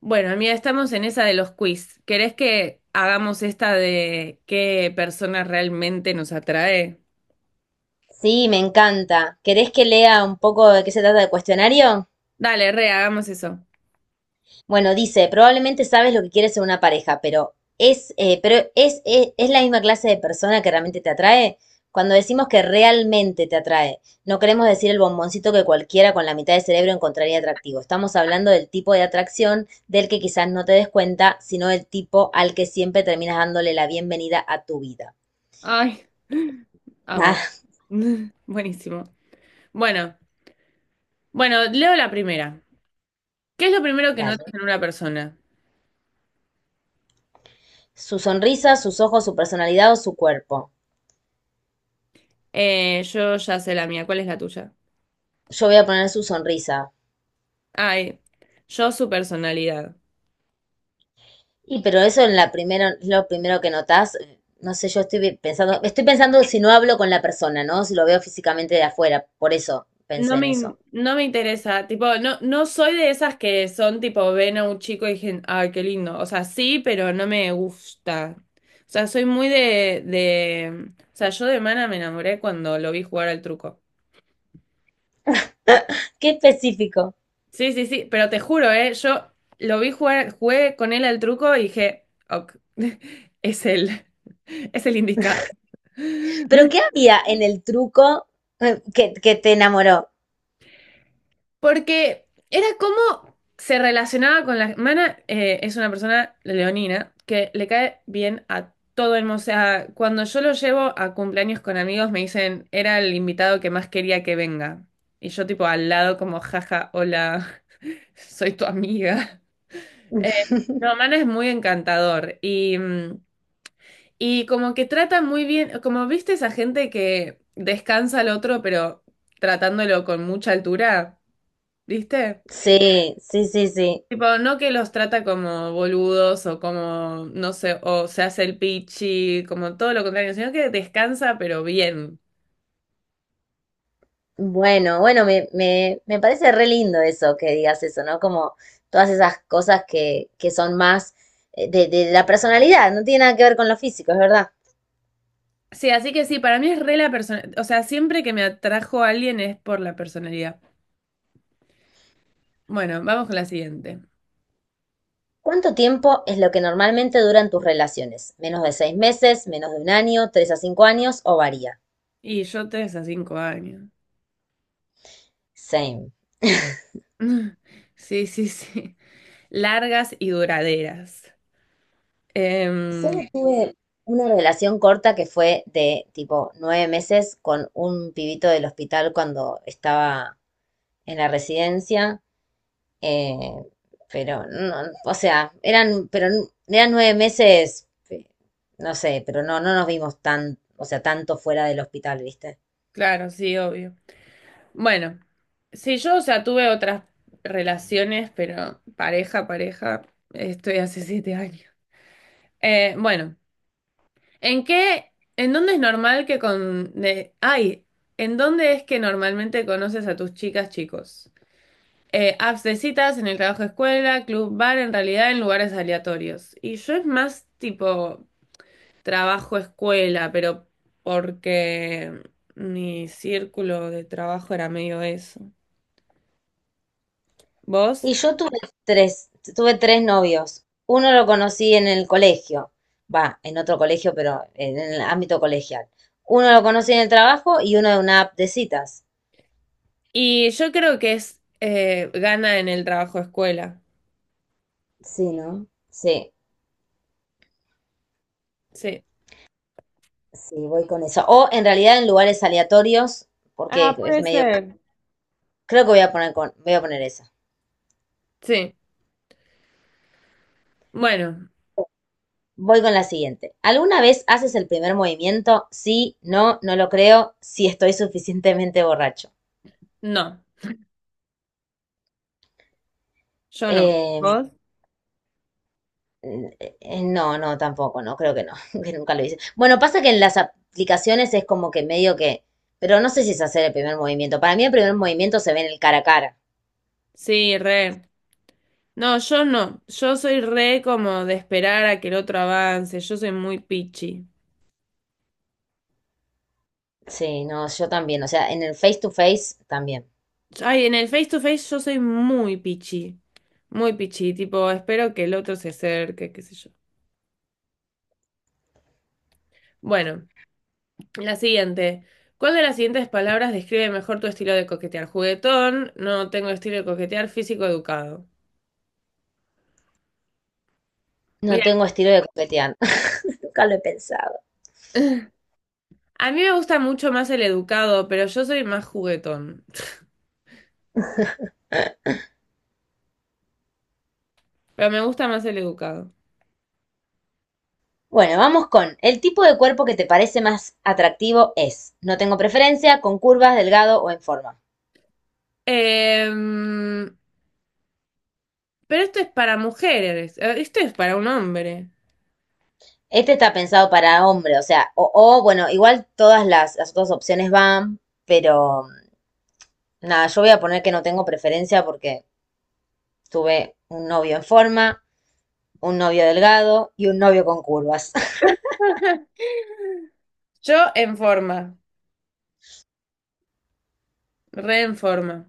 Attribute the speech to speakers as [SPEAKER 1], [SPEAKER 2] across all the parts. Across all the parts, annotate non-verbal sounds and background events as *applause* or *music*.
[SPEAKER 1] Bueno, mira, estamos en esa de los quiz. ¿Querés que hagamos esta de qué persona realmente nos atrae?
[SPEAKER 2] Sí, me encanta. ¿Querés que lea un poco de qué se trata el cuestionario?
[SPEAKER 1] Dale, re, hagamos eso.
[SPEAKER 2] Bueno, dice, probablemente sabes lo que quieres en una pareja, pero es la misma clase de persona que realmente te atrae. Cuando decimos que realmente te atrae, no queremos decir el bomboncito que cualquiera con la mitad de cerebro encontraría atractivo. Estamos hablando del tipo de atracción del que quizás no te des cuenta, sino del tipo al que siempre terminas dándole la bienvenida a tu vida.
[SPEAKER 1] Ay, amo.
[SPEAKER 2] Ah,
[SPEAKER 1] *laughs* Buenísimo. Bueno, bueno, leo la primera. ¿Qué es lo primero que notas
[SPEAKER 2] dale.
[SPEAKER 1] en una persona?
[SPEAKER 2] Su sonrisa, sus ojos, su personalidad o su cuerpo.
[SPEAKER 1] Yo ya sé la mía, ¿cuál es la tuya?
[SPEAKER 2] Yo voy a poner su sonrisa.
[SPEAKER 1] Ay, yo su personalidad.
[SPEAKER 2] Y pero eso en la primera, lo primero que notás, no sé, yo estoy pensando si no hablo con la persona, ¿no? Si lo veo físicamente de afuera, por eso pensé en eso.
[SPEAKER 1] No me interesa, tipo, no, no soy de esas que son tipo, ven a un chico y dicen, ay, qué lindo. O sea, sí, pero no me gusta. O sea, soy muy de. O sea, yo de Mana me enamoré cuando lo vi jugar al truco.
[SPEAKER 2] *laughs* Qué específico.
[SPEAKER 1] Sí, sí, sí, pero te juro, yo lo vi jugar, jugué con él al truco y dije, ok, *laughs* es él, es el indicado.
[SPEAKER 2] Pero ¿qué había en el truco que te enamoró?
[SPEAKER 1] Porque era como se relacionaba con la... Mana es una persona leonina que le cae bien a todo el mundo. O sea, cuando yo lo llevo a cumpleaños con amigos me dicen, era el invitado que más quería que venga. Y yo tipo al lado como, jaja, hola, *laughs* soy tu amiga. Eh,
[SPEAKER 2] *laughs*
[SPEAKER 1] no, Mana es muy encantador y, y como que trata muy bien, como viste esa gente que descansa al otro pero tratándolo con mucha altura, ¿viste?
[SPEAKER 2] Sí, sí, sí, sí.
[SPEAKER 1] Tipo, no que los trata como boludos o como, no sé, o se hace el pichi, como todo lo contrario, sino que descansa pero bien.
[SPEAKER 2] Bueno, bueno, me parece re lindo eso que digas eso, ¿no? Como todas esas cosas que son más de la personalidad, no tiene nada que ver con lo físico, es verdad.
[SPEAKER 1] Sí, así que sí, para mí es re la persona, o sea, siempre que me atrajo a alguien es por la personalidad. Bueno, vamos con la siguiente.
[SPEAKER 2] ¿Cuánto tiempo es lo que normalmente duran tus relaciones? ¿Menos de 6 meses, menos de un año, 3 a 5 años o varía?
[SPEAKER 1] Y yo tres a cinco años.
[SPEAKER 2] Same.
[SPEAKER 1] *laughs* Sí, sí, sí. Largas y duraderas.
[SPEAKER 2] Solo
[SPEAKER 1] Em,
[SPEAKER 2] tuve una relación corta que fue de tipo 9 meses con un pibito del hospital cuando estaba en la residencia. Eh, pero no, o sea, eran 9 meses, no sé, pero no, no nos vimos tan, o sea, tanto fuera del hospital, ¿viste?
[SPEAKER 1] claro, sí, obvio. Bueno, sí, yo, o sea, tuve otras relaciones, pero pareja, pareja, estoy hace siete años. Bueno, ¿en qué, en dónde es normal que ¿en dónde es que normalmente conoces a tus chicas, chicos? Apps de citas, en el trabajo, escuela, club, bar, en realidad en lugares aleatorios. Y yo es más tipo trabajo, escuela, pero porque mi círculo de trabajo era medio eso. ¿Vos?
[SPEAKER 2] Y yo tuve tres, tres novios. Uno lo conocí en el colegio, va, en otro colegio, pero en el ámbito colegial. Uno lo conocí en el trabajo y uno de una app de citas.
[SPEAKER 1] Y yo creo que es gana en el trabajo escuela.
[SPEAKER 2] Sí, ¿no? Sí,
[SPEAKER 1] Sí.
[SPEAKER 2] sí, voy con eso. O en realidad en lugares aleatorios, porque
[SPEAKER 1] Ah,
[SPEAKER 2] es
[SPEAKER 1] puede
[SPEAKER 2] medio.
[SPEAKER 1] ser.
[SPEAKER 2] Creo que voy a poner esa.
[SPEAKER 1] Sí. Bueno,
[SPEAKER 2] Voy con la siguiente. ¿Alguna vez haces el primer movimiento? Sí, no, no lo creo, si estoy suficientemente borracho.
[SPEAKER 1] no, yo no.
[SPEAKER 2] Eh,
[SPEAKER 1] ¿Vos?
[SPEAKER 2] no, no, tampoco, no, creo que no, *laughs* que nunca lo hice. Bueno, pasa que en las aplicaciones es como que medio que, pero no sé si es hacer el primer movimiento. Para mí el primer movimiento se ve en el cara a cara.
[SPEAKER 1] Sí, re. No, yo no. Yo soy re como de esperar a que el otro avance. Yo soy muy pichi.
[SPEAKER 2] Sí, no, yo también, o sea, en el face to face también.
[SPEAKER 1] Ay, en el face to face yo soy muy pichi. Muy pichi. Tipo, espero que el otro se acerque, qué sé yo. Bueno. La siguiente. ¿Cuál de las siguientes palabras describe mejor tu estilo de coquetear? Juguetón, no tengo estilo de coquetear, físico educado.
[SPEAKER 2] No
[SPEAKER 1] Mira,
[SPEAKER 2] tengo estilo de coquetear. *laughs* Nunca lo he pensado.
[SPEAKER 1] *laughs* a mí me gusta mucho más el educado, pero yo soy más juguetón. Pero me gusta más el educado.
[SPEAKER 2] Bueno, vamos con el tipo de cuerpo que te parece más atractivo es. No tengo preferencia, con curvas, delgado o en forma.
[SPEAKER 1] Em, pero esto es para mujeres, esto es para un hombre.
[SPEAKER 2] Este está pensado para hombre, o sea, bueno, igual todas las otras opciones van, pero nada, yo voy a poner que no tengo preferencia porque tuve un novio en forma, un novio delgado y un novio con curvas. *laughs*
[SPEAKER 1] *laughs* Yo en forma, re en forma.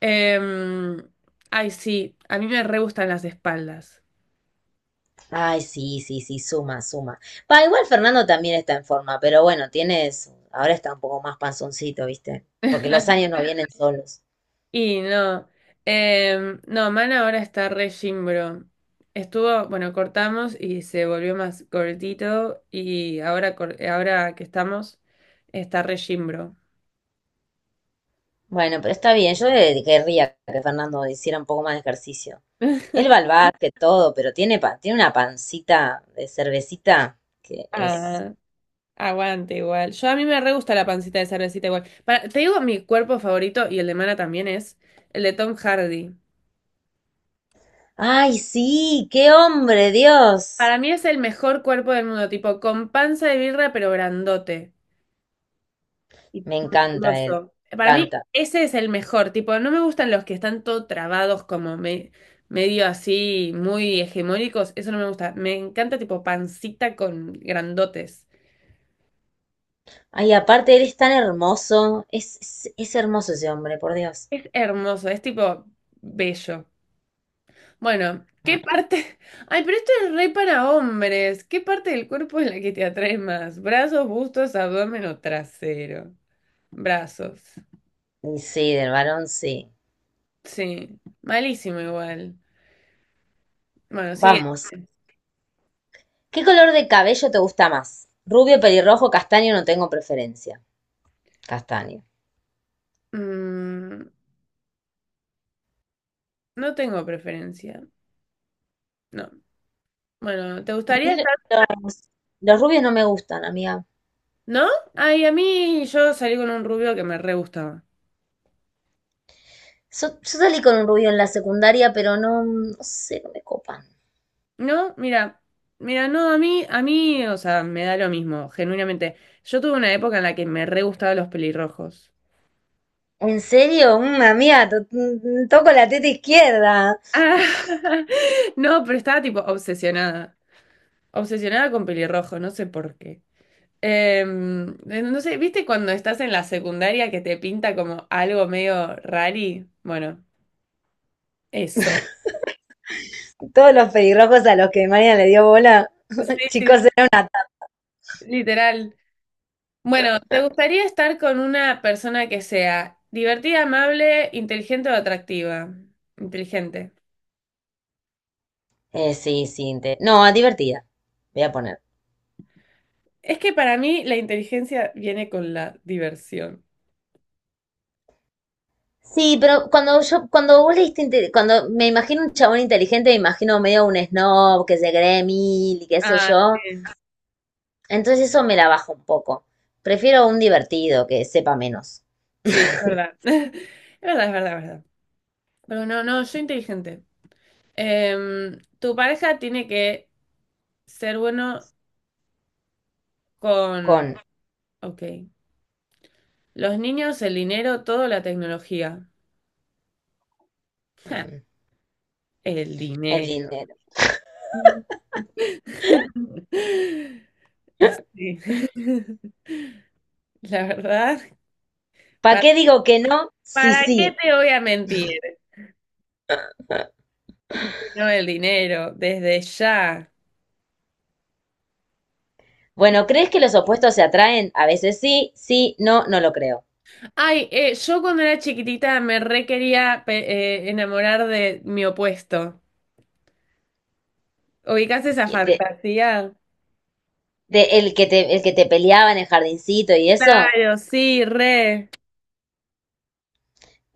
[SPEAKER 1] Em, ay, sí, a mí me re gustan las espaldas.
[SPEAKER 2] Ay, sí, sí, sí, suma, suma. Pa igual Fernando también está en forma, pero bueno, tienes, ahora está un poco más panzoncito, ¿viste? Porque
[SPEAKER 1] *laughs*
[SPEAKER 2] los años no vienen solos.
[SPEAKER 1] Y no, no, Man ahora está re Jimbro. Estuvo, bueno, cortamos y se volvió más cortito y ahora, ahora que estamos, está re Jimbro.
[SPEAKER 2] Bueno, pero está bien, yo querría que Fernando hiciera un poco más de ejercicio. Él
[SPEAKER 1] *laughs*
[SPEAKER 2] va al básquet, todo, pero tiene una pancita de cervecita que es.
[SPEAKER 1] Ah, aguante igual. Yo a mí me re gusta la pancita de cervecita igual. Te digo, mi cuerpo favorito y el de Mana también es el de Tom Hardy.
[SPEAKER 2] Ay, sí, qué hombre, Dios.
[SPEAKER 1] Para mí es el mejor cuerpo del mundo, tipo con panza de birra pero grandote y
[SPEAKER 2] Me encanta él,
[SPEAKER 1] musculoso.
[SPEAKER 2] me
[SPEAKER 1] Para mí,
[SPEAKER 2] encanta.
[SPEAKER 1] ese es el mejor. Tipo, no me gustan los que están todo trabados, medio así, muy hegemónicos. Eso no me gusta. Me encanta, tipo, pancita con grandotes.
[SPEAKER 2] Ay, aparte, él es tan hermoso, es hermoso ese hombre, por Dios.
[SPEAKER 1] Es hermoso, es tipo bello. Bueno, ¿qué parte? *laughs* Ay, pero esto es re para hombres. ¿Qué parte del cuerpo es la que te atrae más? ¿Brazos, bustos, abdomen o trasero? Brazos.
[SPEAKER 2] Y sí, del varón sí.
[SPEAKER 1] Sí. Malísimo igual. Bueno, sigue.
[SPEAKER 2] Vamos. ¿Qué color de cabello te gusta más? Rubio, pelirrojo, castaño, no tengo preferencia. Castaño.
[SPEAKER 1] Mm, No tengo preferencia. No. Bueno, ¿te
[SPEAKER 2] A
[SPEAKER 1] gustaría
[SPEAKER 2] mí
[SPEAKER 1] estar?
[SPEAKER 2] los, los rubios no me gustan, amiga.
[SPEAKER 1] ¿No? Ay, a mí yo salí con un rubio que me re gustaba.
[SPEAKER 2] Yo salí con un rubio en la secundaria, pero no, no sé, no me copan.
[SPEAKER 1] No, mira, no, a mí, o sea, me da lo mismo, genuinamente. Yo tuve una época en la que me re gustaban los pelirrojos.
[SPEAKER 2] ¿En serio? Amiga, toco la teta izquierda.
[SPEAKER 1] Ah, *laughs* no, pero estaba tipo obsesionada. Obsesionada con pelirrojos, no sé por qué. No sé, ¿viste cuando estás en la secundaria que te pinta como algo medio rari? Bueno, eso.
[SPEAKER 2] Todos los pelirrojos a los que María le dio bola.
[SPEAKER 1] Sí, sí,
[SPEAKER 2] Chicos.
[SPEAKER 1] literal. Bueno, ¿te gustaría estar con una persona que sea divertida, amable, inteligente o atractiva? Inteligente.
[SPEAKER 2] Sí, sí. No, divertida. Voy a poner.
[SPEAKER 1] Es que para mí la inteligencia viene con la diversión.
[SPEAKER 2] Sí, pero cuando vos leíste, cuando me imagino un chabón inteligente, me imagino medio un snob que se cree mil y qué sé
[SPEAKER 1] Ah,
[SPEAKER 2] yo.
[SPEAKER 1] sí.
[SPEAKER 2] Entonces eso me la baja un poco. Prefiero un divertido que sepa menos
[SPEAKER 1] Sí, es verdad. *laughs* Es verdad, es verdad, es verdad. Pero no, no, yo inteligente. Tu pareja tiene que ser bueno con,
[SPEAKER 2] con
[SPEAKER 1] ok, los niños, el dinero, toda la tecnología. Ja,
[SPEAKER 2] mm,
[SPEAKER 1] el
[SPEAKER 2] el
[SPEAKER 1] dinero.
[SPEAKER 2] dinero.
[SPEAKER 1] *laughs* Sí. *laughs* La verdad,
[SPEAKER 2] ¿Para
[SPEAKER 1] pa-
[SPEAKER 2] qué digo que no? Sí,
[SPEAKER 1] ¿para, qué
[SPEAKER 2] sí.
[SPEAKER 1] te voy a mentir? No el dinero, desde ya.
[SPEAKER 2] Bueno, ¿crees que los opuestos se atraen? A veces sí, sí, no, no lo creo.
[SPEAKER 1] Ay, yo cuando era chiquitita me re quería enamorar de mi opuesto. ¿Ubicás esa
[SPEAKER 2] Que te-
[SPEAKER 1] fantasía?
[SPEAKER 2] el que te peleaba en el jardincito y eso.
[SPEAKER 1] Claro, sí, re.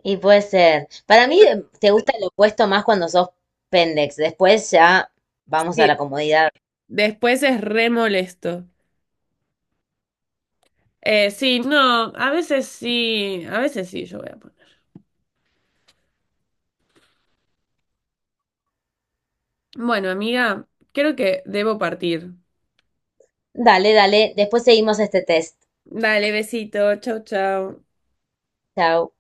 [SPEAKER 2] Y puede ser. Para mí te gusta el opuesto más cuando sos pendex. Después ya vamos a la
[SPEAKER 1] Sí,
[SPEAKER 2] comodidad.
[SPEAKER 1] después es re molesto. Sí, no, a veces sí, yo voy a poner. Bueno, amiga, creo que debo partir.
[SPEAKER 2] Dale, dale. Después seguimos este test.
[SPEAKER 1] Dale, besito, chau, chau.
[SPEAKER 2] Chao.